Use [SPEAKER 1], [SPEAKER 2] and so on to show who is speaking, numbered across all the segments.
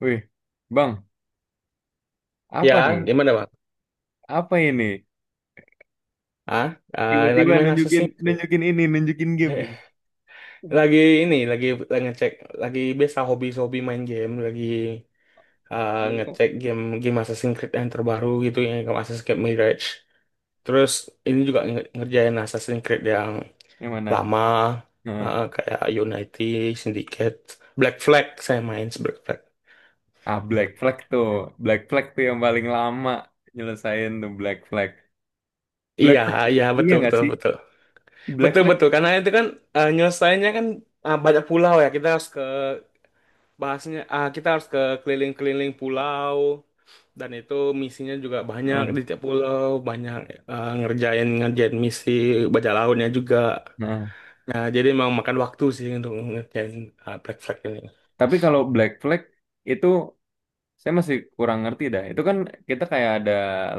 [SPEAKER 1] Wih, Bang, apa
[SPEAKER 2] Ya,
[SPEAKER 1] nih?
[SPEAKER 2] di mana bang?
[SPEAKER 1] Apa ini?
[SPEAKER 2] Ah, lagi
[SPEAKER 1] Tiba-tiba
[SPEAKER 2] main
[SPEAKER 1] nunjukin
[SPEAKER 2] Assassin's Creed.
[SPEAKER 1] nunjukin ini, nunjukin game
[SPEAKER 2] Heh,
[SPEAKER 1] nih.
[SPEAKER 2] Lagi ini, lagi ngecek, lagi biasa hobi-hobi main game, lagi ngecek game game Assassin's Creed yang terbaru gitu yang kayak Assassin's Creed Mirage. Terus ini juga ngerjain Assassin's Creed yang
[SPEAKER 1] Yang mana?
[SPEAKER 2] lama,
[SPEAKER 1] Nah,
[SPEAKER 2] kayak Unity, Syndicate, Black Flag. Saya main Black Flag.
[SPEAKER 1] ah Black Flag tuh. Black Flag tuh yang paling lama nyelesain tuh Black Flag. Black
[SPEAKER 2] Iya,
[SPEAKER 1] Flag
[SPEAKER 2] iya,
[SPEAKER 1] iya
[SPEAKER 2] betul,
[SPEAKER 1] nggak
[SPEAKER 2] betul,
[SPEAKER 1] sih?
[SPEAKER 2] betul,
[SPEAKER 1] Black
[SPEAKER 2] betul,
[SPEAKER 1] Flag.
[SPEAKER 2] betul, karena itu kan nyelesainya kan banyak pulau ya, kita harus ke bahasnya ah kita harus ke keliling-keliling pulau, dan itu misinya juga banyak,
[SPEAKER 1] Heeh,
[SPEAKER 2] di tiap pulau banyak ngerjain ngerjain misi, baca lautnya juga.
[SPEAKER 1] heeh.
[SPEAKER 2] Nah, jadi memang makan waktu sih untuk ngerjain Black Flag ini.
[SPEAKER 1] Tapi kalau Black Flag itu saya masih kurang ngerti dah. Itu kan kita kayak ada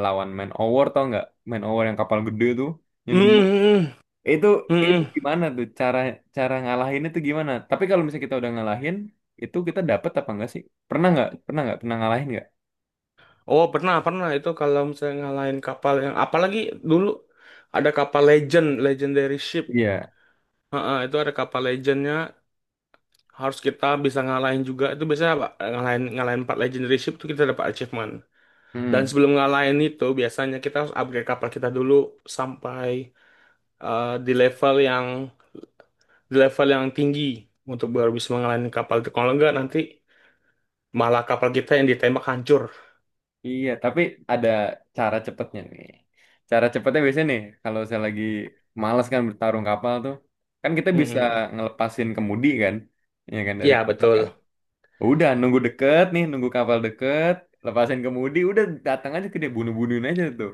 [SPEAKER 1] lawan Man Over tau nggak? Man Over yang kapal gede tuh,
[SPEAKER 2] Hmm,
[SPEAKER 1] yang dua.
[SPEAKER 2] hmm.
[SPEAKER 1] Itu
[SPEAKER 2] Hmm, hmm,
[SPEAKER 1] itu
[SPEAKER 2] hmm.
[SPEAKER 1] gimana tuh cara cara ngalahin itu gimana? Tapi kalau misalnya kita udah ngalahin, itu kita dapet apa enggak sih? Pernah nggak? Pernah nggak? Pernah ngalahin nggak?
[SPEAKER 2] Oh, pernah, pernah. Itu kalau misalnya ngalahin kapal yang apalagi dulu, ada kapal legendary ship.
[SPEAKER 1] Iya.
[SPEAKER 2] Heeh, itu ada kapal legendnya, harus kita bisa ngalahin juga. Itu biasanya apa, ngalahin ngalahin empat legendary ship, itu kita dapat achievement. Dan
[SPEAKER 1] Hmm.
[SPEAKER 2] sebelum ngalahin itu, biasanya kita harus upgrade kapal kita dulu sampai eh, di level yang di level yang tinggi untuk baru bisa ngalahin kapal itu. Kalau enggak nanti malah kapal kita yang ditembak hancur.
[SPEAKER 1] Iya, tapi ada cara cepetnya nih. Cara cepetnya biasanya nih, kalau saya lagi males kan bertarung kapal tuh, kan kita bisa
[SPEAKER 2] Mm-mm.
[SPEAKER 1] ngelepasin kemudi kan, ya kan dari
[SPEAKER 2] Iya,
[SPEAKER 1] kapal kan.
[SPEAKER 2] betul.
[SPEAKER 1] Udah nunggu deket nih, nunggu kapal deket, lepasin kemudi, udah datang aja ke dia bunuh-bunuhin aja tuh.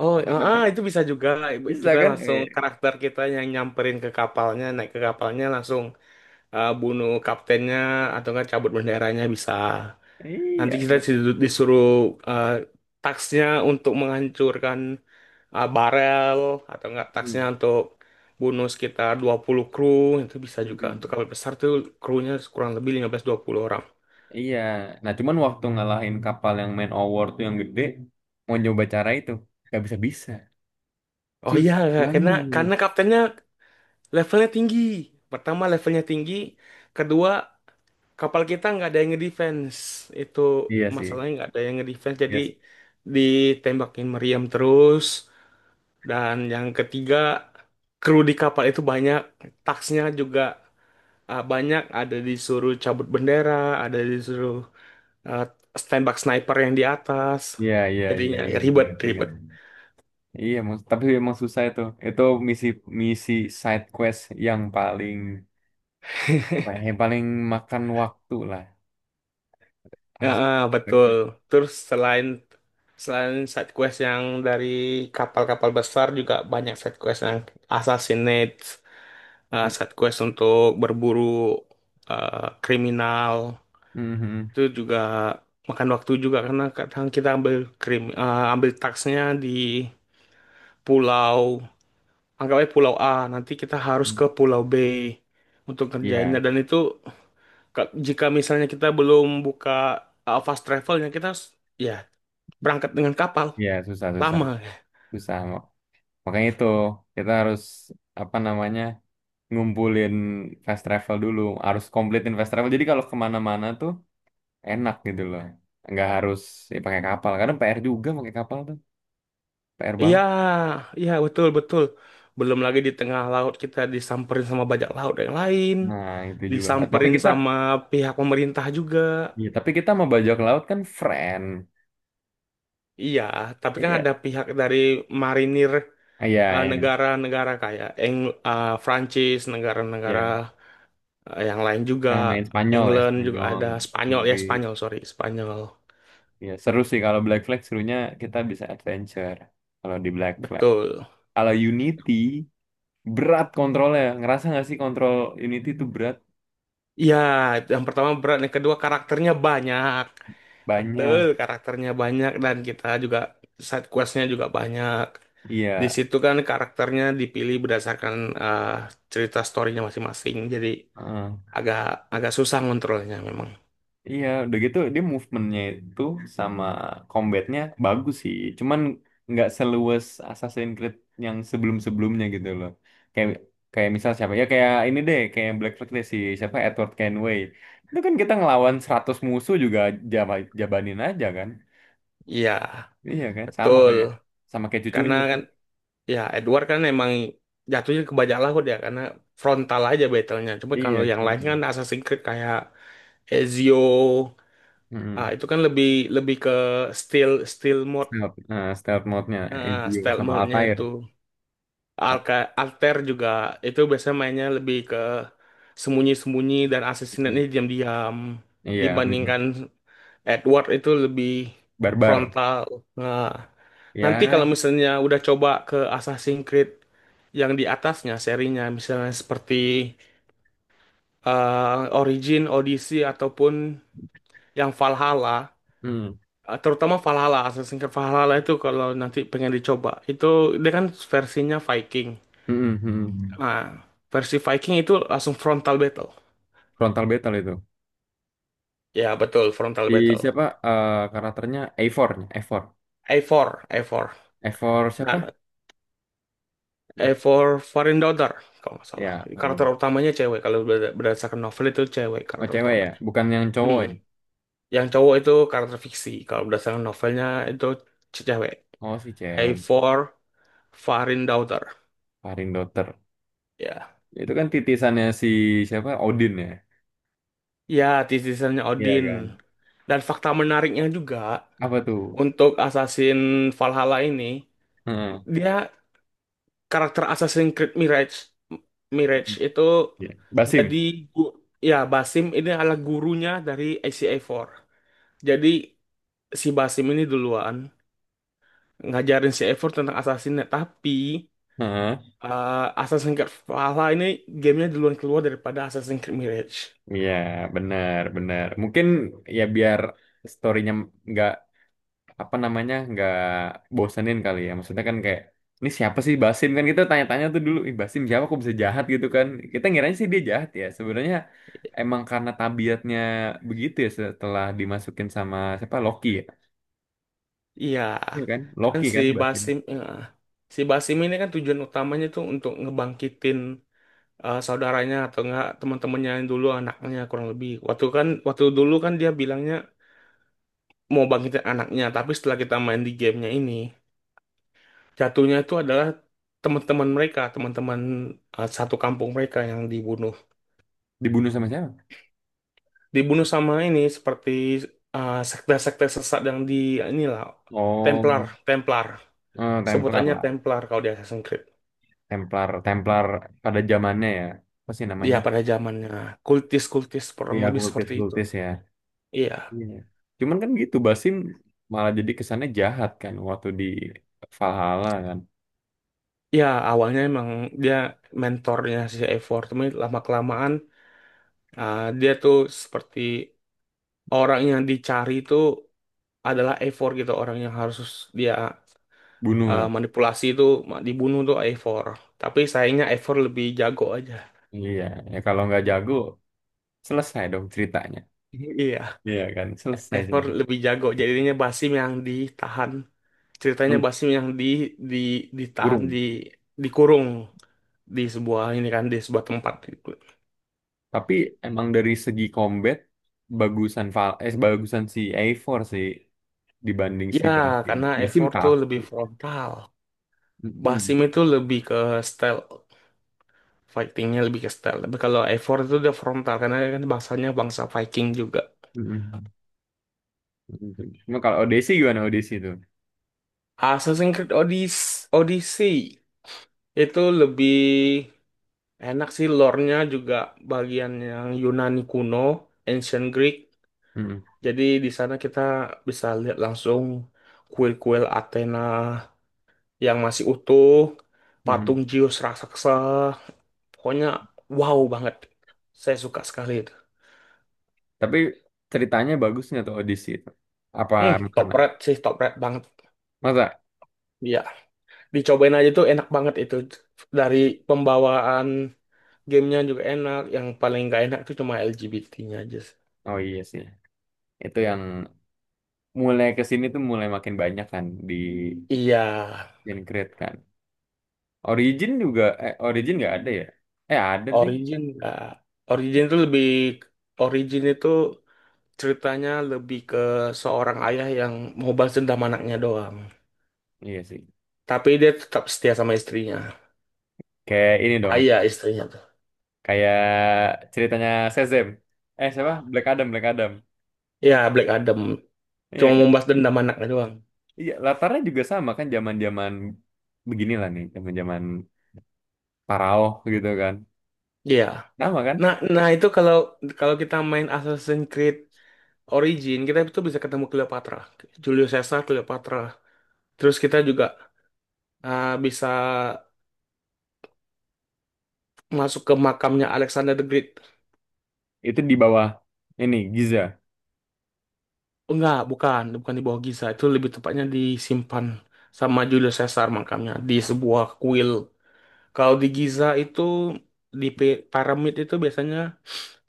[SPEAKER 2] Oh,
[SPEAKER 1] Apa namanya?
[SPEAKER 2] itu bisa juga.
[SPEAKER 1] Bisa
[SPEAKER 2] Kita
[SPEAKER 1] kan?
[SPEAKER 2] langsung
[SPEAKER 1] Eh,
[SPEAKER 2] karakter kita yang nyamperin ke kapalnya, naik ke kapalnya, langsung bunuh kaptennya, atau enggak cabut benderanya bisa. Nanti
[SPEAKER 1] iya.
[SPEAKER 2] kita
[SPEAKER 1] Bet-
[SPEAKER 2] disuruh tasknya untuk menghancurkan barel, atau enggak taksnya
[SPEAKER 1] hmm.
[SPEAKER 2] untuk bunuh sekitar 20 kru. Itu bisa juga untuk
[SPEAKER 1] Mm-mm.
[SPEAKER 2] kapal besar tuh, krunya kurang lebih 15-20 orang.
[SPEAKER 1] Iya. Nah, cuman waktu ngalahin kapal yang main award tuh yang gede, mau nyoba cara itu, nggak bisa-bisa.
[SPEAKER 2] Oh iya,
[SPEAKER 1] Susah
[SPEAKER 2] karena
[SPEAKER 1] banget.
[SPEAKER 2] karena kaptennya levelnya tinggi. Pertama levelnya tinggi, kedua kapal kita nggak ada yang ngedefense. Itu
[SPEAKER 1] Iya sih.
[SPEAKER 2] masalahnya, nggak ada yang ngedefense, jadi
[SPEAKER 1] Yes.
[SPEAKER 2] ditembakin meriam terus. Dan yang ketiga, kru di kapal itu banyak, taksnya juga banyak, ada disuruh cabut bendera, ada disuruh uh, tembak sniper yang di atas.
[SPEAKER 1] Iya, iya, iya,
[SPEAKER 2] Jadinya ya
[SPEAKER 1] ingat,
[SPEAKER 2] ribet,
[SPEAKER 1] ingat, ingat.
[SPEAKER 2] ribet.
[SPEAKER 1] Iya, emang- tapi emang susah itu. Itu misi misi side quest yang paling yang paling makan waktu lah.
[SPEAKER 2] Ya,
[SPEAKER 1] As-
[SPEAKER 2] betul. Terus selain selain side quest yang dari kapal-kapal besar, juga banyak side quest yang assassinate,
[SPEAKER 1] hmm.
[SPEAKER 2] side quest untuk berburu kriminal.
[SPEAKER 1] Mhm.
[SPEAKER 2] Itu juga makan waktu juga, karena kadang kita ambil krim ambil taksnya di pulau, anggapnya pulau A, nanti kita harus ke pulau B untuk ngerjainnya,
[SPEAKER 1] Iya,
[SPEAKER 2] dan itu jika misalnya kita belum buka fast travelnya, kita harus ya berangkat dengan kapal
[SPEAKER 1] iya susah susah
[SPEAKER 2] lama.
[SPEAKER 1] susah. Makanya itu kita harus apa namanya? Ngumpulin fast travel dulu, harus kompletin fast travel jadi kalau kemana-mana tuh enak gitu loh, nggak harus, ya, pakai kapal karena PR juga pakai kapal tuh PR
[SPEAKER 2] Iya,
[SPEAKER 1] banget.
[SPEAKER 2] iya, betul, betul. Belum lagi di tengah laut kita disamperin sama bajak laut yang lain,
[SPEAKER 1] Nah, itu juga tapi
[SPEAKER 2] disamperin
[SPEAKER 1] kita,
[SPEAKER 2] sama pihak pemerintah juga.
[SPEAKER 1] ya, tapi kita mau bajak laut kan friend.
[SPEAKER 2] Iya, tapi kan
[SPEAKER 1] Iya,
[SPEAKER 2] ada pihak dari marinir
[SPEAKER 1] iya, iya,
[SPEAKER 2] negara-negara kayak Prancis, negara-negara.
[SPEAKER 1] iya.
[SPEAKER 2] Yang lain juga,
[SPEAKER 1] Yang main Spanyol ya
[SPEAKER 2] England juga
[SPEAKER 1] Spanyol
[SPEAKER 2] ada, Spanyol, ya
[SPEAKER 1] Inggris.
[SPEAKER 2] Spanyol, sorry Spanyol,
[SPEAKER 1] Iya seru sih kalau Black Flag serunya kita bisa adventure kalau di Black Flag.
[SPEAKER 2] betul.
[SPEAKER 1] Kalau Unity berat kontrolnya, ngerasa nggak sih kontrol Unity itu berat?
[SPEAKER 2] Iya, itu yang pertama berat, yang kedua karakternya banyak, betul
[SPEAKER 1] Banyak.
[SPEAKER 2] karakternya banyak, dan kita juga side questnya juga banyak. Di
[SPEAKER 1] Iya,
[SPEAKER 2] situ kan karakternya dipilih berdasarkan eh, cerita storynya masing-masing, jadi
[SPEAKER 1] heeh.
[SPEAKER 2] agak agak susah ngontrolnya memang.
[SPEAKER 1] Iya, udah gitu dia movementnya itu sama combatnya bagus sih. Cuman nggak seluas Assassin's Creed yang sebelum-sebelumnya gitu loh. Kayak kayak misal siapa ya kayak ini deh kayak Black Flag deh si siapa Edward Kenway. Itu kan kita ngelawan 100 musuh juga jaba, jabanin aja kan.
[SPEAKER 2] Iya,
[SPEAKER 1] Iya kan
[SPEAKER 2] betul.
[SPEAKER 1] sama kayak
[SPEAKER 2] Karena
[SPEAKER 1] cucunya tuh.
[SPEAKER 2] kan, ya Edward kan emang jatuhnya ke Bajak, dia karena frontal aja battle-nya. Cuma kalau
[SPEAKER 1] Iya
[SPEAKER 2] yang
[SPEAKER 1] kan.
[SPEAKER 2] lain kan Assassin's Creed kayak Ezio,
[SPEAKER 1] Heeh.
[SPEAKER 2] itu kan lebih lebih ke stealth stealth mode,
[SPEAKER 1] Stealth, stealth mode-nya
[SPEAKER 2] nah,
[SPEAKER 1] Ezio
[SPEAKER 2] stealth
[SPEAKER 1] sama
[SPEAKER 2] mode-nya
[SPEAKER 1] Altair.
[SPEAKER 2] itu.
[SPEAKER 1] Apa
[SPEAKER 2] Alka, Alter juga itu biasanya mainnya lebih ke sembunyi-sembunyi dan
[SPEAKER 1] itu?
[SPEAKER 2] assassinate-nya diam-diam,
[SPEAKER 1] Iya, mm,
[SPEAKER 2] dibandingkan Edward itu lebih
[SPEAKER 1] barbar.
[SPEAKER 2] frontal. Nah. Nanti kalau
[SPEAKER 1] Ya,
[SPEAKER 2] misalnya udah coba ke Assassin's Creed yang di atasnya serinya, misalnya seperti Origin, Odyssey, ataupun yang Valhalla,
[SPEAKER 1] mm.
[SPEAKER 2] terutama Valhalla, Assassin's Creed Valhalla itu, kalau nanti pengen dicoba, itu dia kan versinya Viking.
[SPEAKER 1] Mm-mm, mm-mm.
[SPEAKER 2] Nah, versi Viking itu langsung frontal battle.
[SPEAKER 1] Frontal battle itu.
[SPEAKER 2] Ya, betul, frontal
[SPEAKER 1] Di
[SPEAKER 2] battle.
[SPEAKER 1] siapa karakternya A4, A4.
[SPEAKER 2] A4, A4.
[SPEAKER 1] A4
[SPEAKER 2] Nah,
[SPEAKER 1] siapa? Duh,
[SPEAKER 2] A4 Foreign Daughter, kalau nggak salah.
[SPEAKER 1] ya,
[SPEAKER 2] Karakter
[SPEAKER 1] Karin.
[SPEAKER 2] utamanya cewek, kalau berdasarkan novel itu cewek
[SPEAKER 1] Oh,
[SPEAKER 2] karakter
[SPEAKER 1] cewek ya,
[SPEAKER 2] utamanya.
[SPEAKER 1] bukan yang cowok
[SPEAKER 2] Hmm.
[SPEAKER 1] ya.
[SPEAKER 2] Yang cowok itu karakter fiksi. Kalau berdasarkan novelnya itu cewek.
[SPEAKER 1] Oh, si
[SPEAKER 2] Hai
[SPEAKER 1] cewek,
[SPEAKER 2] for Farin Daughter.
[SPEAKER 1] Karin Dotter.
[SPEAKER 2] Ya.
[SPEAKER 1] Itu kan titisannya si siapa? Odin ya.
[SPEAKER 2] Ya, titisannya
[SPEAKER 1] Iya
[SPEAKER 2] Odin.
[SPEAKER 1] kan.
[SPEAKER 2] Dan fakta menariknya juga,
[SPEAKER 1] Apa tuh?
[SPEAKER 2] untuk Assassin Valhalla ini,
[SPEAKER 1] Heeh.
[SPEAKER 2] dia karakter Assassin's Creed Mirage. Mirage itu
[SPEAKER 1] Iya.
[SPEAKER 2] jadi
[SPEAKER 1] Basim.
[SPEAKER 2] gu- Ya Basim ini adalah gurunya dari ACA4. Jadi si Basim ini duluan ngajarin si A4 tentang assassinnya, tapi
[SPEAKER 1] Heeh.
[SPEAKER 2] Eh, Assassin's Creed Valhalla ini gamenya duluan keluar daripada Assassin's Creed Mirage.
[SPEAKER 1] Iya, benar, benar. Mungkin ya biar storynya nggak apa namanya nggak bosenin kali ya, maksudnya kan kayak ini siapa sih Basim kan kita tanya-tanya tuh dulu ih Basim siapa kok bisa jahat gitu kan. Kita ngiranya sih dia jahat ya sebenarnya emang karena tabiatnya begitu ya setelah dimasukin sama siapa Loki ya
[SPEAKER 2] Iya,
[SPEAKER 1] iya kan
[SPEAKER 2] kan
[SPEAKER 1] Loki
[SPEAKER 2] si
[SPEAKER 1] kan Basim
[SPEAKER 2] Basim, eh, si Basim ini kan tujuan utamanya tuh untuk ngebangkitin saudaranya atau enggak teman-temannya yang dulu, anaknya kurang lebih. Waktu kan, waktu dulu kan dia bilangnya mau bangkitin anaknya, tapi setelah kita main di gamenya ini, jatuhnya itu adalah teman-teman mereka, teman-teman satu kampung mereka yang dibunuh.
[SPEAKER 1] dibunuh sama siapa
[SPEAKER 2] Dibunuh sama ini seperti sekte-sekte sesat yang di inilah, Templar,
[SPEAKER 1] oh
[SPEAKER 2] Templar.
[SPEAKER 1] Templar
[SPEAKER 2] Sebutannya
[SPEAKER 1] lah
[SPEAKER 2] Templar kalau di Assassin's Creed.
[SPEAKER 1] Templar Templar pada zamannya ya apa sih
[SPEAKER 2] Ya
[SPEAKER 1] namanya
[SPEAKER 2] pada zamannya kultis-kultis kurang
[SPEAKER 1] iya
[SPEAKER 2] lebih seperti itu.
[SPEAKER 1] kultis-kultis ya.
[SPEAKER 2] Iya.
[SPEAKER 1] Iya. Cuman kan gitu Basim malah jadi kesannya jahat kan waktu di Valhalla kan.
[SPEAKER 2] Ya awalnya emang dia mentornya si Eivor, tapi lama kelamaan dia tuh seperti orang yang dicari itu adalah Eivor gitu, orang yang harus dia
[SPEAKER 1] Bunuh ya.
[SPEAKER 2] manipulasi, itu dibunuh tuh Eivor. Tapi sayangnya Eivor lebih jago aja.
[SPEAKER 1] Iya, ya kalau nggak jago selesai dong ceritanya.
[SPEAKER 2] Iya.
[SPEAKER 1] Iya kan, selesai
[SPEAKER 2] Ever
[SPEAKER 1] ceritanya.
[SPEAKER 2] lebih jago, jadinya Basim yang ditahan, ceritanya
[SPEAKER 1] Men-
[SPEAKER 2] Basim yang di ditahan di
[SPEAKER 1] kurung.
[SPEAKER 2] dikurung di sebuah ini kan, di sebuah tempat gitu.
[SPEAKER 1] Tapi emang dari segi combat bagusan Val eh bagusan si A4 sih dibanding si
[SPEAKER 2] Ya
[SPEAKER 1] Basim.
[SPEAKER 2] karena
[SPEAKER 1] Basim
[SPEAKER 2] Ever tuh
[SPEAKER 1] kaku.
[SPEAKER 2] lebih frontal.
[SPEAKER 1] Mm-mm.
[SPEAKER 2] Basim itu lebih ke stealth, fightingnya lebih ke stealth, tapi kalau Ever itu dia frontal karena dia kan bangsanya bangsa Viking juga.
[SPEAKER 1] Mm-mm. Mm-mm. Cuma kalau Odyssey gimana, Odyssey itu?
[SPEAKER 2] Assassin's Creed Odyssey. Odyssey itu lebih enak sih, lore-nya juga bagian yang Yunani kuno, Ancient Greek.
[SPEAKER 1] Mm-mm.
[SPEAKER 2] Jadi di sana kita bisa lihat langsung kuil-kuil Athena yang masih utuh,
[SPEAKER 1] Mm-mm.
[SPEAKER 2] patung Zeus raksasa. Pokoknya wow banget. Saya suka sekali itu.
[SPEAKER 1] Tapi ceritanya bagusnya tuh Odyssey itu. Apa
[SPEAKER 2] Hmm, top
[SPEAKER 1] karena
[SPEAKER 2] red sih, top red banget.
[SPEAKER 1] masa?
[SPEAKER 2] Iya, dicobain aja tuh, enak banget itu. Dari pembawaan gamenya juga enak. Yang paling gak enak tuh cuma LGBT-nya aja sih.
[SPEAKER 1] Oh iya sih. Itu yang mulai ke sini tuh mulai makin banyak kan di
[SPEAKER 2] Iya,
[SPEAKER 1] Gen Creed kan. Origin juga, eh Origin nggak ada ya? Eh ada deh.
[SPEAKER 2] Origin nggak. Origin itu lebih, Origin itu, ceritanya lebih ke seorang ayah yang mau balas dendam anaknya doang.
[SPEAKER 1] Iya sih.
[SPEAKER 2] Tapi dia tetap setia sama istrinya.
[SPEAKER 1] Kayak ini dong.
[SPEAKER 2] Ayah istrinya tuh.
[SPEAKER 1] Kayak ceritanya Shazam. Eh siapa? Black Adam, Black Adam.
[SPEAKER 2] Ya, Black Adam.
[SPEAKER 1] Iya
[SPEAKER 2] Cuma
[SPEAKER 1] kan?
[SPEAKER 2] mau balas dendam anaknya doang.
[SPEAKER 1] Iya, latarnya juga sama kan zaman-zaman beginilah nih, zaman-zaman Parao gitu kan.
[SPEAKER 2] Iya.
[SPEAKER 1] Sama kan?
[SPEAKER 2] Nah, itu kalau kalau kita main Assassin's Creed Origin, kita itu bisa ketemu Cleopatra. Julius Caesar, Cleopatra. Terus kita juga bisa masuk ke makamnya Alexander the Great.
[SPEAKER 1] Itu di bawah ini Giza.
[SPEAKER 2] Enggak, bukan, bukan di bawah Giza. Itu lebih tepatnya disimpan sama Julius Caesar, makamnya di sebuah kuil. Kalau di Giza itu di piramid itu biasanya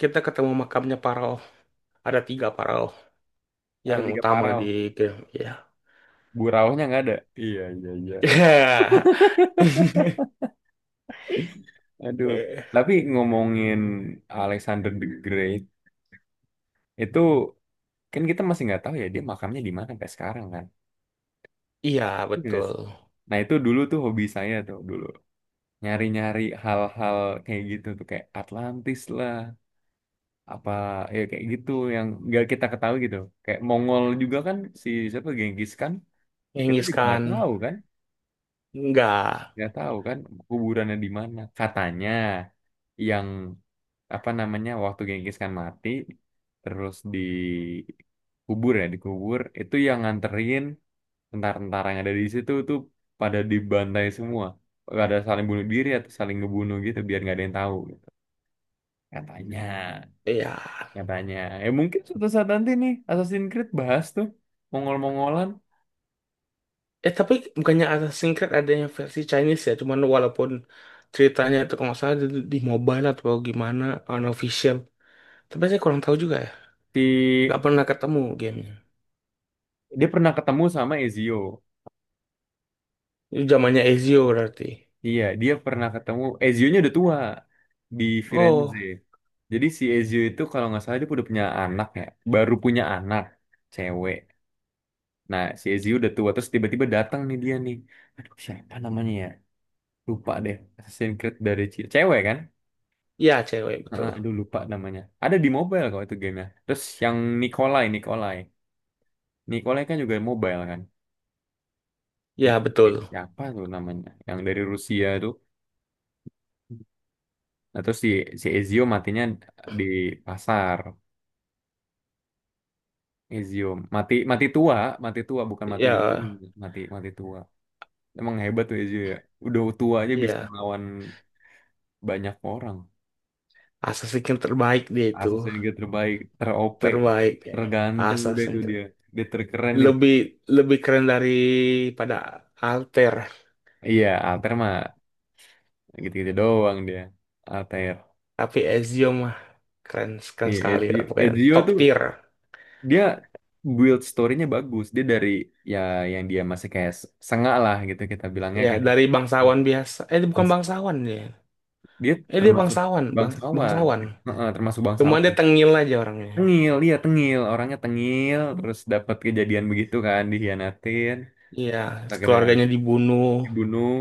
[SPEAKER 2] kita ketemu makamnya Pharaoh. Ada tiga Pharaoh
[SPEAKER 1] Ada
[SPEAKER 2] yang
[SPEAKER 1] 3
[SPEAKER 2] utama di,
[SPEAKER 1] Parao.
[SPEAKER 2] ya.
[SPEAKER 1] Buraunya nggak ada. Iya, iya, iya. Aduh. Tapi ngomongin Alexander the Great itu kan kita masih nggak tahu ya dia makamnya di mana sampai sekarang kan.
[SPEAKER 2] Iya,
[SPEAKER 1] Iya nggak.
[SPEAKER 2] betul.
[SPEAKER 1] Nah itu dulu tuh hobi saya tuh dulu nyari-nyari hal-hal kayak gitu tuh kayak Atlantis lah apa ya kayak gitu yang nggak kita ketahui gitu kayak Mongol juga kan si siapa Genghis kan kita
[SPEAKER 2] Genghis
[SPEAKER 1] juga
[SPEAKER 2] Khan. Enggak.
[SPEAKER 1] nggak tahu kan kuburannya di mana katanya yang apa namanya waktu Genghis Khan mati terus dikubur ya dikubur itu yang nganterin tentara ada di situ tuh pada dibantai semua. Gak ada saling bunuh diri atau saling ngebunuh gitu biar nggak ada yang tahu gitu. Katanya,
[SPEAKER 2] Iya.
[SPEAKER 1] katanya. Ya mungkin suatu saat nanti nih Assassin's Creed bahas tuh Mongol-Mongolan.
[SPEAKER 2] Tapi bukannya Assassin's Creed ada yang versi Chinese ya? Cuman walaupun ceritanya itu kalau nggak salah di, mobile atau gimana, unofficial. Tapi saya kurang tahu juga ya. Nggak
[SPEAKER 1] Si
[SPEAKER 2] pernah ketemu gamenya.
[SPEAKER 1] dia pernah ketemu sama Ezio.
[SPEAKER 2] Itu zamannya Ezio berarti.
[SPEAKER 1] Iya, dia pernah ketemu Ezio-nya udah tua di Firenze.
[SPEAKER 2] Oh,
[SPEAKER 1] Jadi si Ezio itu kalau nggak salah dia udah punya anak ya, baru punya anak cewek. Nah, si Ezio udah tua terus tiba-tiba datang nih dia nih. Aduh, siapa namanya ya? Lupa deh. Assassin's Creed dari ce- cewek kan?
[SPEAKER 2] ya cewek
[SPEAKER 1] Heeh,
[SPEAKER 2] betul.
[SPEAKER 1] aduh lupa namanya. Ada di mobile kok itu gamenya. Terus yang Nikolai, Nikolai. Nikolai kan juga mobile kan?
[SPEAKER 2] Ya,
[SPEAKER 1] Nikolai
[SPEAKER 2] betul.
[SPEAKER 1] siapa tuh namanya? Yang dari Rusia tuh. Nah, terus si, si Ezio matinya di pasar. Ezio mati mati tua bukan mati di gunung,
[SPEAKER 2] Ya,
[SPEAKER 1] mati mati tua. Emang hebat tuh Ezio ya. Udah tua aja bisa
[SPEAKER 2] iya.
[SPEAKER 1] melawan banyak orang.
[SPEAKER 2] Assassin's Creed terbaik dia itu.
[SPEAKER 1] Assassin's Creed terbaik, ter-OP,
[SPEAKER 2] Terbaik ya.
[SPEAKER 1] terganteng udah itu
[SPEAKER 2] Assassin's Creed.
[SPEAKER 1] dia. Dia terkeren.
[SPEAKER 2] Lebih lebih keren daripada Alter.
[SPEAKER 1] Iya, Alter mah gitu-gitu doang dia. Alter.
[SPEAKER 2] Tapi Ezio mah keren, keren
[SPEAKER 1] Iya,
[SPEAKER 2] sekali
[SPEAKER 1] Ezio,
[SPEAKER 2] lah. Pokoknya
[SPEAKER 1] Ezio
[SPEAKER 2] top
[SPEAKER 1] tuh
[SPEAKER 2] tier.
[SPEAKER 1] dia build story-nya bagus. Dia dari ya yang dia masih kayak s- sengak lah gitu kita bilangnya
[SPEAKER 2] Ya,
[SPEAKER 1] kan.
[SPEAKER 2] dari bangsawan biasa. Dia bukan
[SPEAKER 1] Mas-
[SPEAKER 2] bangsawan dia.
[SPEAKER 1] dia
[SPEAKER 2] Dia
[SPEAKER 1] termasuk
[SPEAKER 2] bangsawan,
[SPEAKER 1] bangsawan.
[SPEAKER 2] bangsawan.
[SPEAKER 1] Heeh, termasuk
[SPEAKER 2] Cuma dia
[SPEAKER 1] bangsawan.
[SPEAKER 2] tengil aja orangnya.
[SPEAKER 1] Tengil, dia tengil, orangnya tengil, terus dapat kejadian begitu kan, dihianatin,
[SPEAKER 2] Iya,
[SPEAKER 1] akhirnya
[SPEAKER 2] keluarganya dibunuh.
[SPEAKER 1] dibunuh,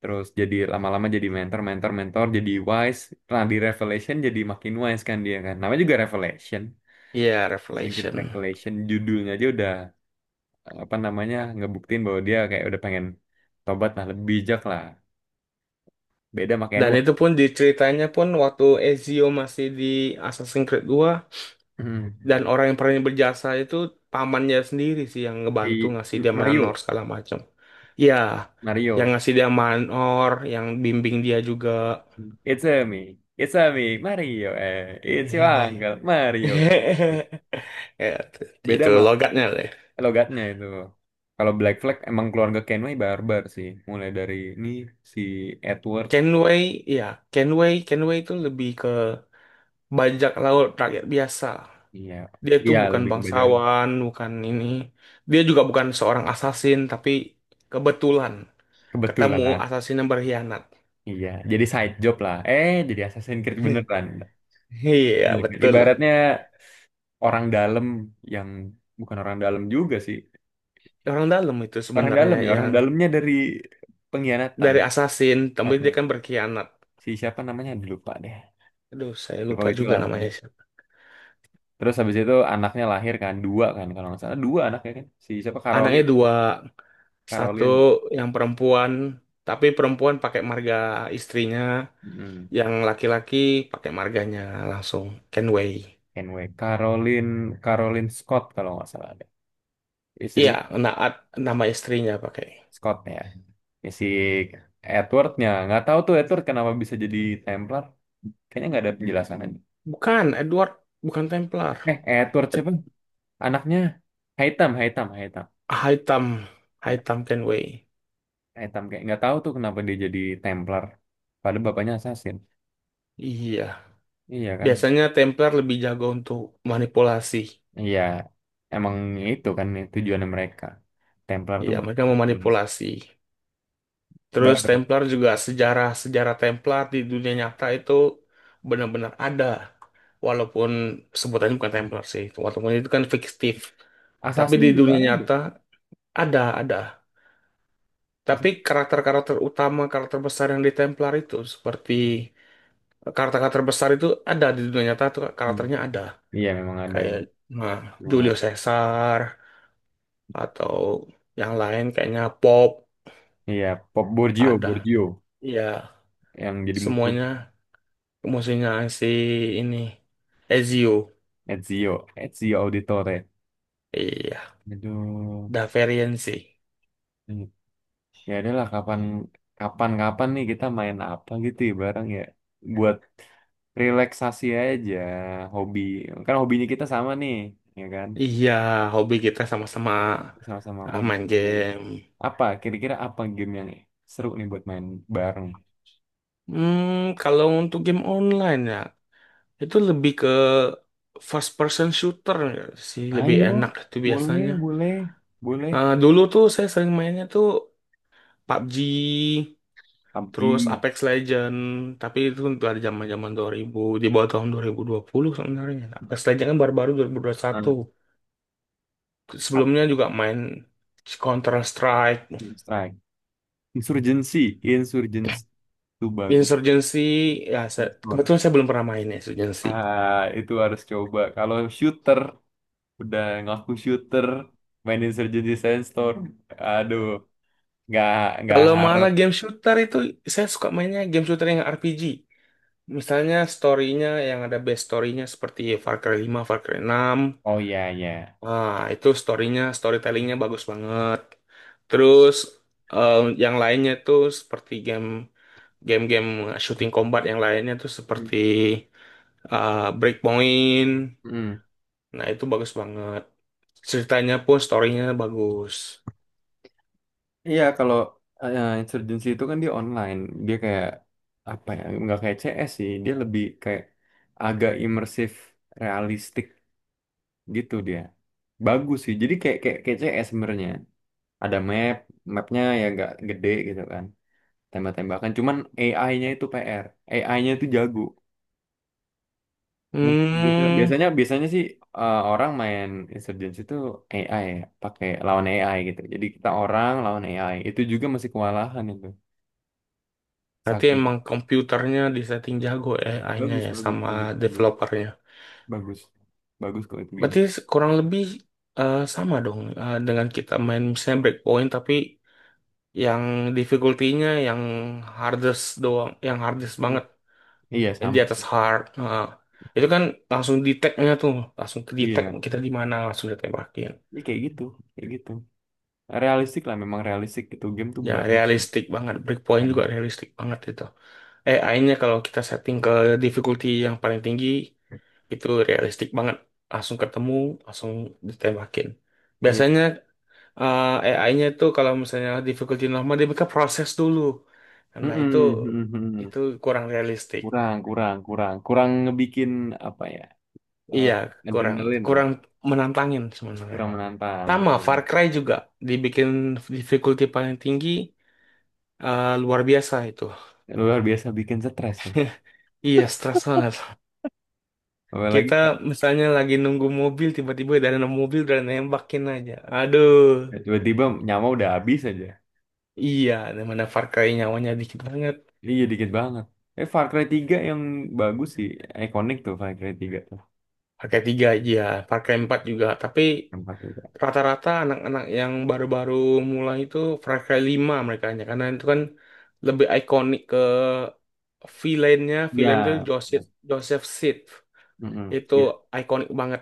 [SPEAKER 1] terus jadi lama-lama jadi mentor, mentor, mentor, jadi wise. Nah, di Revelation jadi makin wise kan dia kan. Namanya juga Revelation.
[SPEAKER 2] Iya,
[SPEAKER 1] Shingkiz
[SPEAKER 2] Revelation.
[SPEAKER 1] Revelation judulnya aja udah apa namanya ngebuktiin bahwa dia kayak udah pengen tobat lah lebih bijak lah beda sama
[SPEAKER 2] Dan
[SPEAKER 1] Kenwa
[SPEAKER 2] itu pun di ceritanya pun waktu Ezio masih di Assassin's Creed dua, dan orang yang paling berjasa itu pamannya sendiri sih, yang ngebantu
[SPEAKER 1] si
[SPEAKER 2] ngasih dia manor
[SPEAKER 1] Mario
[SPEAKER 2] segala macam. Iya, yang
[SPEAKER 1] Mario
[SPEAKER 2] ngasih dia manor, yang bimbing dia juga.
[SPEAKER 1] it's a me Mario eh it's your
[SPEAKER 2] Hehehe.
[SPEAKER 1] uncle Mario
[SPEAKER 2] Ya,
[SPEAKER 1] beda
[SPEAKER 2] itu
[SPEAKER 1] sama
[SPEAKER 2] logatnya.
[SPEAKER 1] logatnya itu kalau Black Flag emang keluarga Kenway barbar sih mulai dari ini si Edward
[SPEAKER 2] Kenway, ya, Kenway itu lebih ke bajak laut rakyat biasa.
[SPEAKER 1] iya
[SPEAKER 2] Dia itu
[SPEAKER 1] iya
[SPEAKER 2] bukan
[SPEAKER 1] lebih ke bajak laut.
[SPEAKER 2] bangsawan, bukan ini. Dia juga bukan seorang assassin, tapi kebetulan
[SPEAKER 1] Kebetulan
[SPEAKER 2] ketemu assassin yang berkhianat.
[SPEAKER 1] iya jadi side job lah eh jadi Assassin's Creed beneran.
[SPEAKER 2] Iya,
[SPEAKER 1] Iya.
[SPEAKER 2] betul.
[SPEAKER 1] Ibaratnya orang dalam yang bukan orang dalam juga sih.
[SPEAKER 2] Orang dalam itu
[SPEAKER 1] Orang
[SPEAKER 2] sebenarnya
[SPEAKER 1] dalam ya, orang
[SPEAKER 2] yang
[SPEAKER 1] dalamnya dari pengkhianatan.
[SPEAKER 2] dari assassin,
[SPEAKER 1] Eh,
[SPEAKER 2] tapi dia
[SPEAKER 1] eh.
[SPEAKER 2] kan berkhianat.
[SPEAKER 1] Si siapa namanya aduh, lupa deh.
[SPEAKER 2] Aduh, saya
[SPEAKER 1] Lupa
[SPEAKER 2] lupa juga
[SPEAKER 1] itulah mungkin.
[SPEAKER 2] namanya siapa.
[SPEAKER 1] Terus habis itu anaknya lahir kan dua kan kalau nggak salah dua anaknya kan. Si siapa
[SPEAKER 2] Anaknya
[SPEAKER 1] Caroline,
[SPEAKER 2] dua, satu
[SPEAKER 1] Caroline,
[SPEAKER 2] yang perempuan, tapi perempuan pakai marga istrinya.
[SPEAKER 1] hmm,
[SPEAKER 2] Yang laki-laki pakai marganya langsung Kenway.
[SPEAKER 1] anyway, Caroline, Caroline Scott kalau nggak salah ada.
[SPEAKER 2] Iya,
[SPEAKER 1] Istrinya
[SPEAKER 2] Naat nama istrinya pakai.
[SPEAKER 1] Scott ya. Ya, si Edwardnya nggak tahu tuh Edward kenapa bisa jadi Templar. Kayaknya nggak ada penjelasan aja.
[SPEAKER 2] Bukan Edward, bukan Templar.
[SPEAKER 1] Eh, Edward siapa?
[SPEAKER 2] Ed-
[SPEAKER 1] Anaknya Haitam, Haitam, Haitam,
[SPEAKER 2] Hitam,
[SPEAKER 1] Hai-
[SPEAKER 2] Hitam Kenway.
[SPEAKER 1] Haitam kayak nggak tahu tuh kenapa dia jadi Templar. Padahal bapaknya assassin.
[SPEAKER 2] Iya,
[SPEAKER 1] Iya kan?
[SPEAKER 2] biasanya Templar lebih jago untuk manipulasi.
[SPEAKER 1] Iya, emang itu kan tujuannya mereka. Templar tuh
[SPEAKER 2] Iya,
[SPEAKER 1] buat
[SPEAKER 2] mereka
[SPEAKER 1] influence.
[SPEAKER 2] memanipulasi. Terus
[SPEAKER 1] Baru.
[SPEAKER 2] Templar juga, sejarah-sejarah Templar di dunia nyata itu benar-benar ada. Walaupun sebutannya bukan Templar sih, walaupun itu kan fiktif. Tapi
[SPEAKER 1] Assassin
[SPEAKER 2] di
[SPEAKER 1] juga
[SPEAKER 2] dunia
[SPEAKER 1] ada.
[SPEAKER 2] nyata ada, ada. Tapi
[SPEAKER 1] Assassin.
[SPEAKER 2] karakter-karakter utama, karakter besar yang di Templar itu seperti karakter-karakter besar itu ada di dunia nyata tuh,
[SPEAKER 1] Hmm.
[SPEAKER 2] karakternya ada.
[SPEAKER 1] Iya memang ada
[SPEAKER 2] Kayak
[SPEAKER 1] yang.
[SPEAKER 2] nah,
[SPEAKER 1] Memang
[SPEAKER 2] Julio
[SPEAKER 1] ada.
[SPEAKER 2] Caesar atau yang lain kayaknya Pop,
[SPEAKER 1] Iya, Pop Borgio,
[SPEAKER 2] ada.
[SPEAKER 1] Borgio
[SPEAKER 2] Iya,
[SPEAKER 1] yang jadi musuh
[SPEAKER 2] semuanya musuhnya si ini, Ezio.
[SPEAKER 1] Ezio, Ezio Auditore.
[SPEAKER 2] Iya,
[SPEAKER 1] Aduh,
[SPEAKER 2] Daverian sih.
[SPEAKER 1] iya. Ya adalah kapan kapan kapan nih kita main apa gitu ya bareng ya buat relaksasi aja hobi kan hobinya kita sama nih ya kan
[SPEAKER 2] Iya, hobi kita sama-sama
[SPEAKER 1] sama-sama main
[SPEAKER 2] main
[SPEAKER 1] game
[SPEAKER 2] game.
[SPEAKER 1] apa kira-kira apa game yang seru nih buat main bareng
[SPEAKER 2] Hmm, kalau untuk game online ya, itu lebih ke first person shooter nggak sih, lebih
[SPEAKER 1] ayo
[SPEAKER 2] enak itu
[SPEAKER 1] boleh
[SPEAKER 2] biasanya.
[SPEAKER 1] boleh boleh
[SPEAKER 2] Nah, dulu tuh saya sering mainnya tuh PUBG, terus
[SPEAKER 1] PUBG
[SPEAKER 2] Apex Legend, tapi itu untuk ada zaman-zaman 2000, di bawah tahun 2020 sebenarnya. Apex Legend kan baru-baru 2021.
[SPEAKER 1] ah, apa?
[SPEAKER 2] Sebelumnya juga main Counter Strike,
[SPEAKER 1] Strike Insurgency Insurgency itu bagus
[SPEAKER 2] Insurgency, ya saya, kebetulan saya belum pernah main Insurgency.
[SPEAKER 1] ah itu harus coba kalau shooter udah ngaku shooter main Insurgency Sandstorm aduh nggak nggak
[SPEAKER 2] Kalau
[SPEAKER 1] harap
[SPEAKER 2] malah game shooter itu saya suka mainnya game shooter yang RPG. Misalnya story-nya yang ada best story-nya seperti Far Cry 5, Far Cry 6.
[SPEAKER 1] oh iya iya.
[SPEAKER 2] Ah, itu story-nya, storytelling-nya bagus banget. Terus eh, yang lainnya itu seperti game-game shooting combat yang lainnya tuh seperti
[SPEAKER 1] Hmm.
[SPEAKER 2] Breakpoint.
[SPEAKER 1] Hmm.
[SPEAKER 2] Nah, itu bagus banget. Ceritanya pun story-nya bagus.
[SPEAKER 1] Iya kalau Insurgency itu kan dia online dia kayak apa ya nggak kayak CS sih dia lebih kayak agak imersif realistik gitu dia bagus sih jadi kayak kayak, kayak CS sebenarnya ada map mapnya ya nggak gede gitu kan tembak-tembakan cuman AI-nya itu PR AI-nya itu jago. Mungkin gitu.
[SPEAKER 2] Hmm,
[SPEAKER 1] Biasanya biasanya sih orang main Insurgency itu AI ya, pakai lawan AI gitu. Jadi kita orang lawan AI. Itu juga masih kewalahan itu.
[SPEAKER 2] berarti
[SPEAKER 1] Saking
[SPEAKER 2] emang komputernya disetting jago ya AI-nya,
[SPEAKER 1] bagus
[SPEAKER 2] ya
[SPEAKER 1] bagus
[SPEAKER 2] sama
[SPEAKER 1] bagus bagus
[SPEAKER 2] developernya.
[SPEAKER 1] bagus bagus kalau itu game.
[SPEAKER 2] Berarti kurang lebih sama dong dengan kita main misalnya breakpoint, tapi yang difficulty-nya yang hardest doang, yang hardest
[SPEAKER 1] Hmm.
[SPEAKER 2] banget,
[SPEAKER 1] Iya
[SPEAKER 2] yang di
[SPEAKER 1] sama.
[SPEAKER 2] atas hard. Nah, itu kan langsung detect-nya tuh, langsung ke detect
[SPEAKER 1] Iya.
[SPEAKER 2] kita di mana, langsung ditembakin.
[SPEAKER 1] Ini kayak gitu, kayak gitu. Realistik lah memang realistik itu game tuh
[SPEAKER 2] Ya
[SPEAKER 1] bagus sih,
[SPEAKER 2] realistik banget, breakpoint
[SPEAKER 1] kan.
[SPEAKER 2] juga realistik banget itu. AI-nya kalau kita setting ke difficulty yang paling tinggi itu realistik banget, langsung ketemu, langsung ditembakin.
[SPEAKER 1] Iya.
[SPEAKER 2] Biasanya eh, AI-nya itu kalau misalnya difficulty normal dia mereka proses dulu. Nah, itu
[SPEAKER 1] Mm-mm, mm-mm.
[SPEAKER 2] itu kurang realistik.
[SPEAKER 1] Kurang kurang kurang kurang ngebikin apa ya? eh,
[SPEAKER 2] Iya, kurang
[SPEAKER 1] adrenalin lah,
[SPEAKER 2] kurang menantangin sebenarnya.
[SPEAKER 1] kurang menantang
[SPEAKER 2] Sama
[SPEAKER 1] gitu.
[SPEAKER 2] Far Cry juga dibikin difficulty paling tinggi, luar biasa itu.
[SPEAKER 1] Luar biasa bikin stres ya.
[SPEAKER 2] Iya, stres banget.
[SPEAKER 1] Apalagi
[SPEAKER 2] Kita
[SPEAKER 1] kalau
[SPEAKER 2] misalnya lagi nunggu mobil, tiba-tiba dari nemu mobil udah nembakin aja. Aduh.
[SPEAKER 1] tiba-tiba nyawa udah habis aja.
[SPEAKER 2] Iya, dimana Far Cry nyawanya dikit banget.
[SPEAKER 1] Iya dikit banget. Eh Far Cry tiga yang bagus sih, ikonik tuh Far Cry tiga tuh.
[SPEAKER 2] Far Cry 3 iya, Far Cry 4 juga, tapi
[SPEAKER 1] Yang Far Cry 3.
[SPEAKER 2] rata-rata anak-anak yang baru-baru mulai itu Far 5, mereka hanya karena itu kan lebih ikonik ke villainnya.
[SPEAKER 1] Iya.
[SPEAKER 2] Villain itu Joseph Joseph Seed
[SPEAKER 1] Mm-mm.
[SPEAKER 2] itu
[SPEAKER 1] Ya,
[SPEAKER 2] ikonik banget.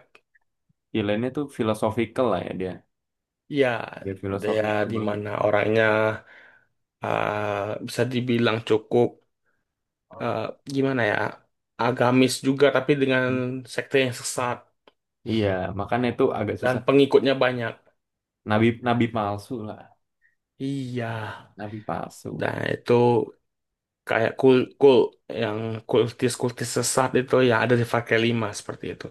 [SPEAKER 1] pilihannya tuh philosophical lah ya dia.
[SPEAKER 2] Ya,
[SPEAKER 1] Dia
[SPEAKER 2] dia
[SPEAKER 1] philosophical
[SPEAKER 2] di
[SPEAKER 1] banget.
[SPEAKER 2] mana orangnya, bisa dibilang cukup, eh, gimana ya, agamis juga tapi dengan
[SPEAKER 1] Hmm.
[SPEAKER 2] sekte yang sesat
[SPEAKER 1] Iya, makanya itu agak
[SPEAKER 2] dan
[SPEAKER 1] susah.
[SPEAKER 2] pengikutnya banyak,
[SPEAKER 1] Nabi nabi palsu lah,
[SPEAKER 2] iya.
[SPEAKER 1] nabi palsu.
[SPEAKER 2] Nah, itu kayak yang kultis-kultis sesat itu, ya ada di Far Cry 5 seperti itu.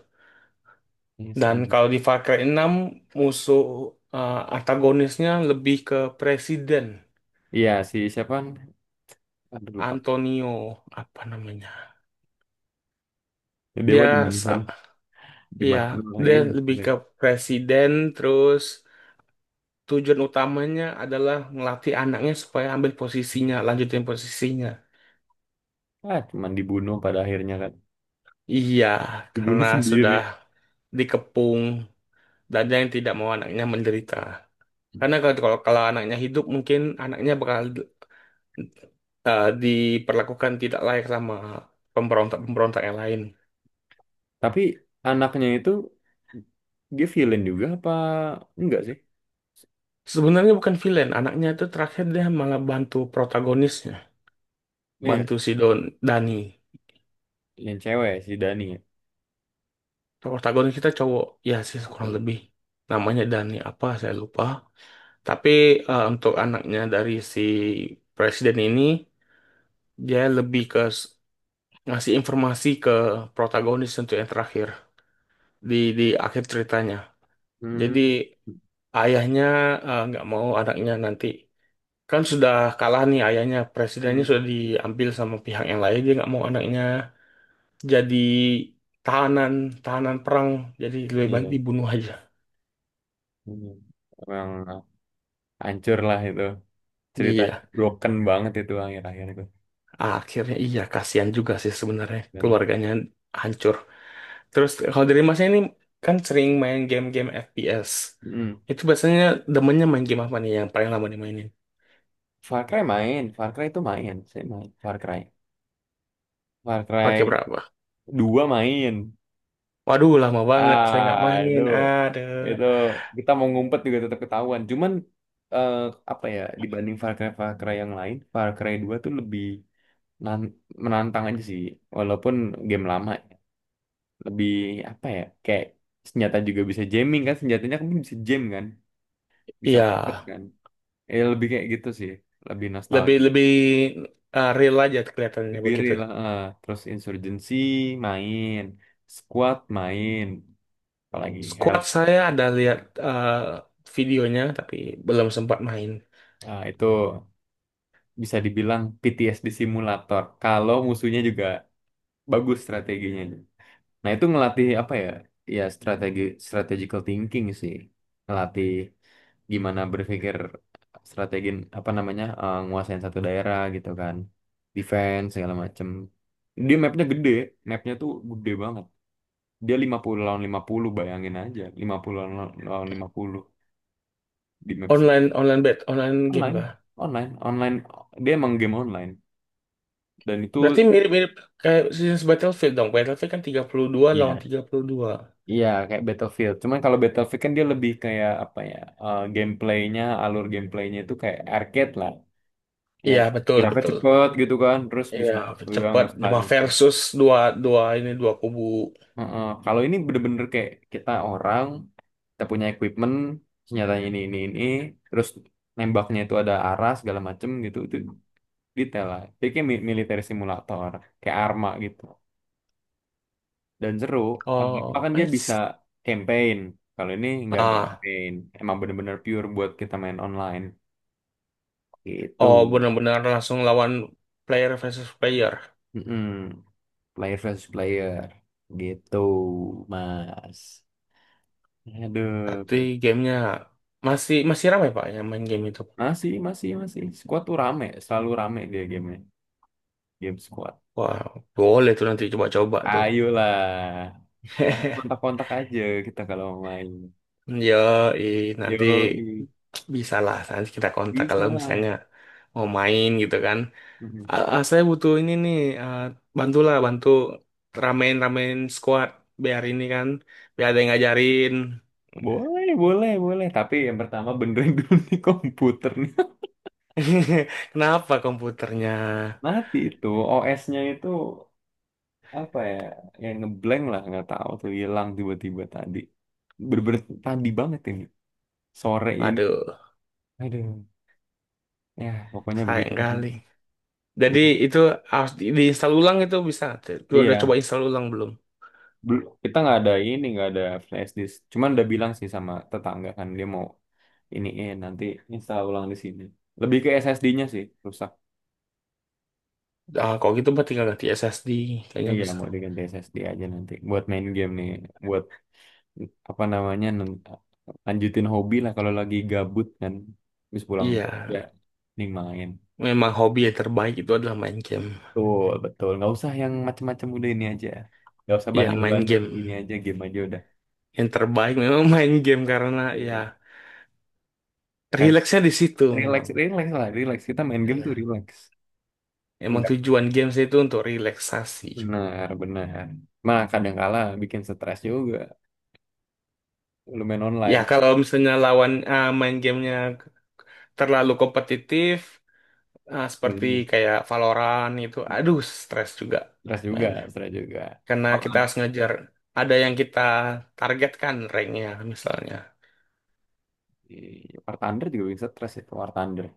[SPEAKER 1] Ini
[SPEAKER 2] Dan
[SPEAKER 1] seru.
[SPEAKER 2] kalau di Far Cry 6, musuh, antagonisnya lebih ke presiden
[SPEAKER 1] Iya si siapa? Aduh lupa.
[SPEAKER 2] Antonio apa namanya.
[SPEAKER 1] Dia
[SPEAKER 2] Dia
[SPEAKER 1] mah di mana?
[SPEAKER 2] sa-
[SPEAKER 1] Di
[SPEAKER 2] iya,
[SPEAKER 1] mana
[SPEAKER 2] dia lebih
[SPEAKER 1] ini?
[SPEAKER 2] ke presiden, terus tujuan utamanya adalah ngelatih anaknya supaya ambil posisinya, lanjutin posisinya.
[SPEAKER 1] Ah, cuman dibunuh pada akhirnya kan.
[SPEAKER 2] Iya,
[SPEAKER 1] Ibunya
[SPEAKER 2] karena sudah
[SPEAKER 1] sendiri.
[SPEAKER 2] dikepung dan dia yang tidak mau anaknya menderita. Karena kalau kalau kalau anaknya hidup mungkin anaknya bakal, diperlakukan tidak layak sama pemberontak-pemberontak yang lain.
[SPEAKER 1] Tapi anaknya itu dia villain juga apa enggak sih?
[SPEAKER 2] Sebenarnya bukan villain, anaknya itu terakhir dia malah bantu protagonisnya,
[SPEAKER 1] Iya,
[SPEAKER 2] bantu si Dani.
[SPEAKER 1] yang cewek si Dani ya.
[SPEAKER 2] Protagonis kita cowok, ya sih kurang lebih. Namanya Dani apa, saya lupa. Tapi, untuk anaknya dari si presiden ini, dia lebih ke ngasih informasi ke protagonis untuk yang terakhir, di di akhir ceritanya. Jadi
[SPEAKER 1] Hmm.
[SPEAKER 2] ayahnya, nggak mau anaknya nanti. Kan sudah kalah nih ayahnya, presidennya
[SPEAKER 1] Hmm.
[SPEAKER 2] sudah diambil sama pihak yang lain, dia nggak mau anaknya jadi tahanan tahanan perang, jadi lebih baik
[SPEAKER 1] Iya.
[SPEAKER 2] dibunuh aja.
[SPEAKER 1] Hmm. Emang hancur lah itu. Cerita
[SPEAKER 2] Iya,
[SPEAKER 1] broken banget itu akhir-akhir itu.
[SPEAKER 2] akhirnya iya kasihan juga sih sebenarnya,
[SPEAKER 1] Dan
[SPEAKER 2] keluarganya hancur. Terus kalau dari masnya ini kan sering main game-game FPS
[SPEAKER 1] hmm.
[SPEAKER 2] itu, biasanya demennya main game apa nih yang paling lama dimainin,
[SPEAKER 1] Far Cry main, Far Cry itu main, saya main Far Cry. Far
[SPEAKER 2] pakai
[SPEAKER 1] Cry
[SPEAKER 2] berapa?
[SPEAKER 1] dua main.
[SPEAKER 2] Waduh, lama banget saya nggak
[SPEAKER 1] Ah,
[SPEAKER 2] main. Aduh,
[SPEAKER 1] itu kita mau ngumpet juga tetap ketahuan. Cuman eh, apa ya dibanding Far Cry Far Cry yang lain, Far Cry 2 tuh lebih nan- menantang aja sih. Walaupun game lama, lebih apa ya kayak senjata juga bisa jamming kan, senjatanya kan bisa jam kan, bisa
[SPEAKER 2] iya,
[SPEAKER 1] market kan. Lebih kayak gitu sih, lebih
[SPEAKER 2] lebih
[SPEAKER 1] nostalgia,
[SPEAKER 2] lebih real aja kelihatannya
[SPEAKER 1] lebih
[SPEAKER 2] begitu.
[SPEAKER 1] real. Eh. Terus Insurgency main, Squad main, apalagi Hell.
[SPEAKER 2] Squad saya ada lihat, eh, videonya tapi belum sempat main.
[SPEAKER 1] Ah, itu bisa dibilang PTSD simulator kalau musuhnya juga bagus strateginya. Nah, itu ngelatih apa ya? Ya strategical thinking sih. Ngelatih gimana berpikir strategi apa namanya? Nguasain satu daerah gitu kan. Defense segala macem. Dia mapnya gede, mapnya tuh gede banget. Dia 50 lawan 50 bayangin aja. Lima puluh lawan lawan 50 di maps
[SPEAKER 2] Online online bet, online game
[SPEAKER 1] online,
[SPEAKER 2] kah?
[SPEAKER 1] online. Dia emang game online dan itu.
[SPEAKER 2] Berarti mirip-mirip kayak sejenis Battlefield dong. Battlefield kan 32 lawan
[SPEAKER 1] Iya.
[SPEAKER 2] 32.
[SPEAKER 1] Iya, kayak Battlefield. Cuman kalau Battlefield kan dia lebih kayak apa ya? Gameplaynya, alur gameplaynya itu kayak arcade lah. Ya,
[SPEAKER 2] Iya, betul,
[SPEAKER 1] geraknya
[SPEAKER 2] betul.
[SPEAKER 1] cepet gitu kan, terus
[SPEAKER 2] Iya,
[SPEAKER 1] bisa ya
[SPEAKER 2] cepat,
[SPEAKER 1] nge-slide
[SPEAKER 2] cuma
[SPEAKER 1] nge-slide.
[SPEAKER 2] versus dua dua ini dua kubu.
[SPEAKER 1] Heeh. Kalau ini bener-bener kayak kita orang, kita punya equipment, senjatanya ini, terus nembaknya itu ada arah segala macem gitu. Itu detail lah. Jadi kayak military simulator, kayak Arma gitu. Dan seru. Apa
[SPEAKER 2] Oh,
[SPEAKER 1] kan dia bisa
[SPEAKER 2] nice.
[SPEAKER 1] campaign. Kalau ini nggak ada
[SPEAKER 2] Ah,
[SPEAKER 1] campaign. Emang bener-bener pure buat kita main online. Gitu.
[SPEAKER 2] oh benar-benar langsung lawan player versus player.
[SPEAKER 1] Mm-mm. Player versus player. Gitu, Mas.
[SPEAKER 2] Berarti
[SPEAKER 1] Aduh.
[SPEAKER 2] gamenya masih masih ramai, Pak, yang main game itu.
[SPEAKER 1] Masih, masih, masih. Squad tuh rame. Selalu rame dia gamenya. Game squad.
[SPEAKER 2] Wah, boleh tuh nanti coba-coba tuh.
[SPEAKER 1] Ayolah. Nanti kontak-kontak aja kita kalau mau main.
[SPEAKER 2] Yoi, nanti
[SPEAKER 1] Yo,
[SPEAKER 2] bisa lah, nanti kita kontak
[SPEAKER 1] bisa
[SPEAKER 2] kalau
[SPEAKER 1] lah.
[SPEAKER 2] misalnya mau main gitu kan.
[SPEAKER 1] Mm.
[SPEAKER 2] Ah, ah, saya butuh ini nih, ah, bantulah, bantu ramein-ramein squad biar ini kan, biar ada yang ngajarin.
[SPEAKER 1] Boleh, boleh, boleh. Tapi yang pertama benerin dulu nih komputer
[SPEAKER 2] Kenapa komputernya?
[SPEAKER 1] mati itu, OS-nya itu apa ya, yang ngeblank lah, nggak tahu tuh hilang tiba-tiba tadi, berber tadi banget ini sore ini,
[SPEAKER 2] Waduh,
[SPEAKER 1] aduh, ya pokoknya begitu.
[SPEAKER 2] sayang kali. Jadi
[SPEAKER 1] I-
[SPEAKER 2] itu harus diinstal ulang itu bisa. Tuh, udah
[SPEAKER 1] iya.
[SPEAKER 2] coba install ulang belum?
[SPEAKER 1] Kita nggak ada ini, nggak ada flash disk, cuman udah bilang sih sama tetangga kan, dia mau ini, nanti install ulang di sini. Lebih ke SSD-nya sih rusak.
[SPEAKER 2] Ah, kalau gitu mah tinggal ganti SSD, kayaknya
[SPEAKER 1] Iya,
[SPEAKER 2] bisa.
[SPEAKER 1] mau diganti SSD aja nanti buat main game nih, buat apa namanya, lanjutin hobi lah kalau lagi gabut kan, habis pulang
[SPEAKER 2] Iya,
[SPEAKER 1] kerja nih main
[SPEAKER 2] memang hobi yang terbaik itu adalah main game.
[SPEAKER 1] tuh. Betul, nggak usah yang macem-macem, udah ini aja, nggak usah
[SPEAKER 2] Ya, main
[SPEAKER 1] bandel-bandel, ini
[SPEAKER 2] game.
[SPEAKER 1] aja, game aja udah.
[SPEAKER 2] Yang terbaik memang main game karena ya,
[SPEAKER 1] Betul. Kayak
[SPEAKER 2] rileksnya di situ
[SPEAKER 1] relax
[SPEAKER 2] memang.
[SPEAKER 1] relax lah, relax, kita main game tuh
[SPEAKER 2] Ya,
[SPEAKER 1] relax.
[SPEAKER 2] emang
[SPEAKER 1] Enggak,
[SPEAKER 2] tujuan games itu untuk relaksasi.
[SPEAKER 1] benar benar mah kadang kala bikin stres juga lu main
[SPEAKER 2] Ya,
[SPEAKER 1] online.
[SPEAKER 2] kalau misalnya lawan, main gamenya terlalu kompetitif,
[SPEAKER 1] Stres
[SPEAKER 2] seperti
[SPEAKER 1] juga,
[SPEAKER 2] kayak Valorant itu, aduh, stres juga
[SPEAKER 1] stres juga,
[SPEAKER 2] mainnya.
[SPEAKER 1] stres juga.
[SPEAKER 2] Karena
[SPEAKER 1] War
[SPEAKER 2] kita
[SPEAKER 1] Thunder.
[SPEAKER 2] harus ngejar ada yang kita targetkan ranknya misalnya.
[SPEAKER 1] Iya, War Thunder juga bikin stres itu, War Thunder.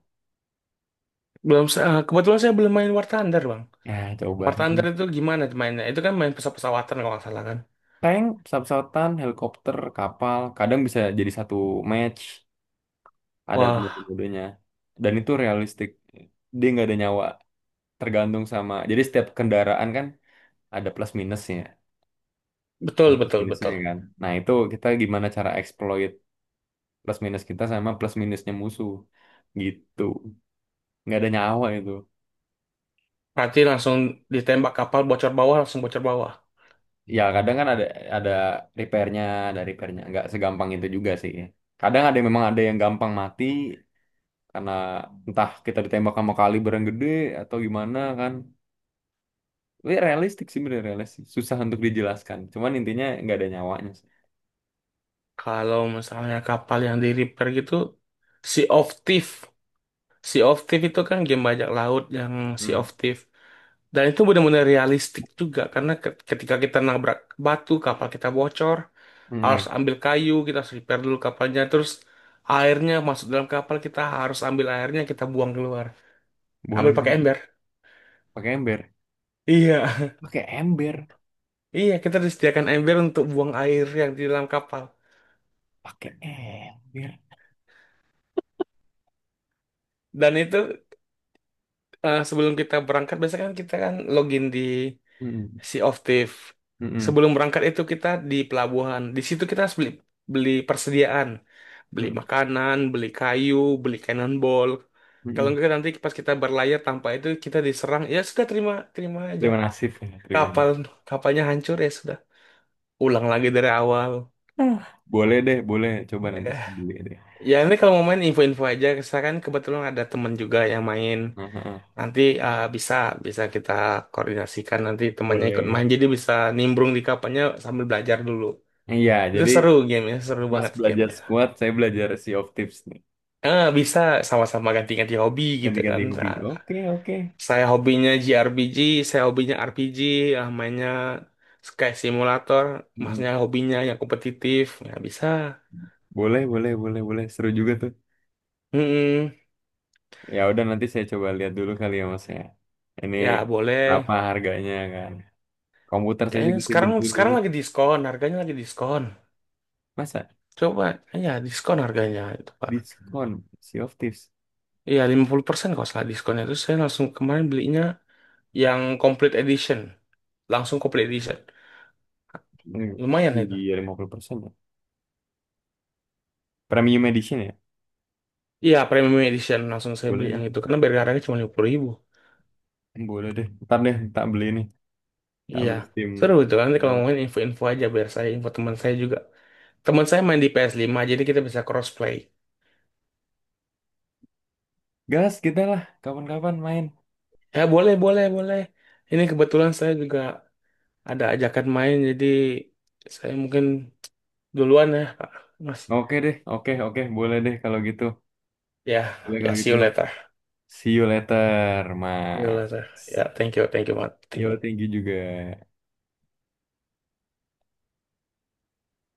[SPEAKER 2] Belum, kebetulan saya belum main War Thunder, Bang.
[SPEAKER 1] Ya,
[SPEAKER 2] War
[SPEAKER 1] coba.
[SPEAKER 2] Thunder itu gimana mainnya? Itu kan main pesawat-pesawatan kalau nggak salah kan?
[SPEAKER 1] Tank, pesawat-pesawatan, helikopter, kapal, kadang bisa jadi satu match, ada
[SPEAKER 2] Wah,
[SPEAKER 1] mode-modenya. Dan itu realistik, dia nggak ada nyawa, tergantung sama, jadi setiap kendaraan kan ada plus minusnya, ada
[SPEAKER 2] betul,
[SPEAKER 1] plus
[SPEAKER 2] betul,
[SPEAKER 1] minusnya
[SPEAKER 2] betul.
[SPEAKER 1] kan. Nah itu kita gimana cara exploit plus minus kita sama plus minusnya musuh, gitu. Nggak ada nyawa itu.
[SPEAKER 2] Berarti langsung ditembak kapal bocor bawah, langsung bocor bawah.
[SPEAKER 1] Ya kadang kan ada repairnya, ada repairnya, nggak segampang itu juga sih. Kadang ada yang memang ada yang gampang mati, karena entah kita ditembak sama kaliber yang gede atau gimana kan. Tapi realistik sih, bener realistik, susah untuk dijelaskan, cuman intinya nggak ada nyawanya sih.
[SPEAKER 2] Kalau misalnya kapal yang di repair gitu, Sea of Thief. Sea of Thief itu kan game bajak laut yang Sea
[SPEAKER 1] Hmm.
[SPEAKER 2] of Thief. Dan itu benar-benar realistik juga, karena ketika kita nabrak batu, kapal kita bocor,
[SPEAKER 1] Hmm.
[SPEAKER 2] harus ambil kayu, kita harus repair dulu kapalnya, terus airnya masuk dalam kapal, kita harus ambil airnya, kita buang keluar.
[SPEAKER 1] Boleh
[SPEAKER 2] Ambil pakai
[SPEAKER 1] deh.
[SPEAKER 2] ember.
[SPEAKER 1] Pakai ember,
[SPEAKER 2] Iya,
[SPEAKER 1] pakai ember,
[SPEAKER 2] iya kita disediakan ember untuk buang air yang di dalam kapal.
[SPEAKER 1] pakai ember.
[SPEAKER 2] Dan itu, sebelum kita berangkat, biasanya kan kita kan login di
[SPEAKER 1] Hmm.
[SPEAKER 2] Sea of Thief.
[SPEAKER 1] Hmm.
[SPEAKER 2] Sebelum berangkat itu kita di pelabuhan. Di situ kita harus beli beli persediaan, beli
[SPEAKER 1] Hmm.
[SPEAKER 2] makanan, beli kayu, beli cannonball. Kalau
[SPEAKER 1] Hmm.
[SPEAKER 2] enggak nanti pas kita berlayar tanpa itu kita diserang. Ya sudah, terima terima aja.
[SPEAKER 1] Terima kasih ya, terima kasih.
[SPEAKER 2] Kapal kapalnya hancur ya sudah. Ulang lagi dari awal.
[SPEAKER 1] Ah. Boleh deh, boleh, coba
[SPEAKER 2] Ya.
[SPEAKER 1] nanti saya beli deh.
[SPEAKER 2] Ya nanti kalau mau main info-info aja, saya kan kebetulan ada temen juga yang main.
[SPEAKER 1] Heeh.
[SPEAKER 2] Nanti, bisa bisa kita koordinasikan, nanti temannya ikut
[SPEAKER 1] Boleh.
[SPEAKER 2] main, jadi bisa nimbrung di kapannya sambil belajar dulu.
[SPEAKER 1] Iya,
[SPEAKER 2] Itu
[SPEAKER 1] jadi
[SPEAKER 2] seru gamenya, seru
[SPEAKER 1] Mas
[SPEAKER 2] banget
[SPEAKER 1] belajar
[SPEAKER 2] gamenya.
[SPEAKER 1] squat, saya belajar Sea of Tips nih.
[SPEAKER 2] Bisa sama-sama ganti-ganti hobi gitu
[SPEAKER 1] Ganti-ganti
[SPEAKER 2] kan.
[SPEAKER 1] hobi,
[SPEAKER 2] Nah,
[SPEAKER 1] oke, oke.
[SPEAKER 2] saya hobinya JRPG, saya hobinya RPG, ah, mainnya Sky Simulator,
[SPEAKER 1] Mm-mm.
[SPEAKER 2] masnya hobinya yang kompetitif, ya bisa.
[SPEAKER 1] Boleh, boleh, boleh, boleh. Seru juga tuh.
[SPEAKER 2] Mm-mm.
[SPEAKER 1] Ya udah nanti saya coba lihat dulu kali ya Mas ya. Ini
[SPEAKER 2] Ya
[SPEAKER 1] apa
[SPEAKER 2] boleh.
[SPEAKER 1] harganya kan. Komputer saya
[SPEAKER 2] Kayaknya
[SPEAKER 1] juga sih
[SPEAKER 2] sekarang
[SPEAKER 1] bentuin dulu.
[SPEAKER 2] sekarang lagi diskon, harganya lagi diskon.
[SPEAKER 1] Masa
[SPEAKER 2] Coba, ya diskon harganya itu, Pak.
[SPEAKER 1] diskon Sea of Thieves?
[SPEAKER 2] Iya, 50% kalau salah diskonnya. Terus saya langsung kemarin belinya yang complete edition. Langsung complete edition.
[SPEAKER 1] Hmm.
[SPEAKER 2] Lumayan itu.
[SPEAKER 1] Iya, 50% ya. Premium Edition ya?
[SPEAKER 2] Iya, premium edition langsung saya beli
[SPEAKER 1] Boleh
[SPEAKER 2] yang
[SPEAKER 1] nih.
[SPEAKER 2] itu. Karena biar harganya cuma 50 ribu.
[SPEAKER 1] Boleh deh. Ntar deh, tak beli nih. Tak
[SPEAKER 2] Iya.
[SPEAKER 1] beli Steam
[SPEAKER 2] Seru itu kan. Nanti kalau
[SPEAKER 1] Wallet.
[SPEAKER 2] ngomongin info-info aja biar saya info teman saya juga. Teman saya main di PS5 jadi kita bisa crossplay.
[SPEAKER 1] Gas kita lah, kapan-kapan main.
[SPEAKER 2] Ya boleh, boleh, boleh. Ini kebetulan saya juga ada ajakan main jadi saya mungkin duluan ya Pak. Mas.
[SPEAKER 1] Oke deh, oke, oke. Boleh deh kalau gitu.
[SPEAKER 2] Ya,
[SPEAKER 1] Boleh
[SPEAKER 2] ya
[SPEAKER 1] kalau
[SPEAKER 2] see
[SPEAKER 1] gitu,
[SPEAKER 2] you
[SPEAKER 1] Mas.
[SPEAKER 2] later.
[SPEAKER 1] See you later,
[SPEAKER 2] Yola,
[SPEAKER 1] Mas.
[SPEAKER 2] ya, thank you, Mat. Thank
[SPEAKER 1] Yo,
[SPEAKER 2] you.
[SPEAKER 1] thank you juga.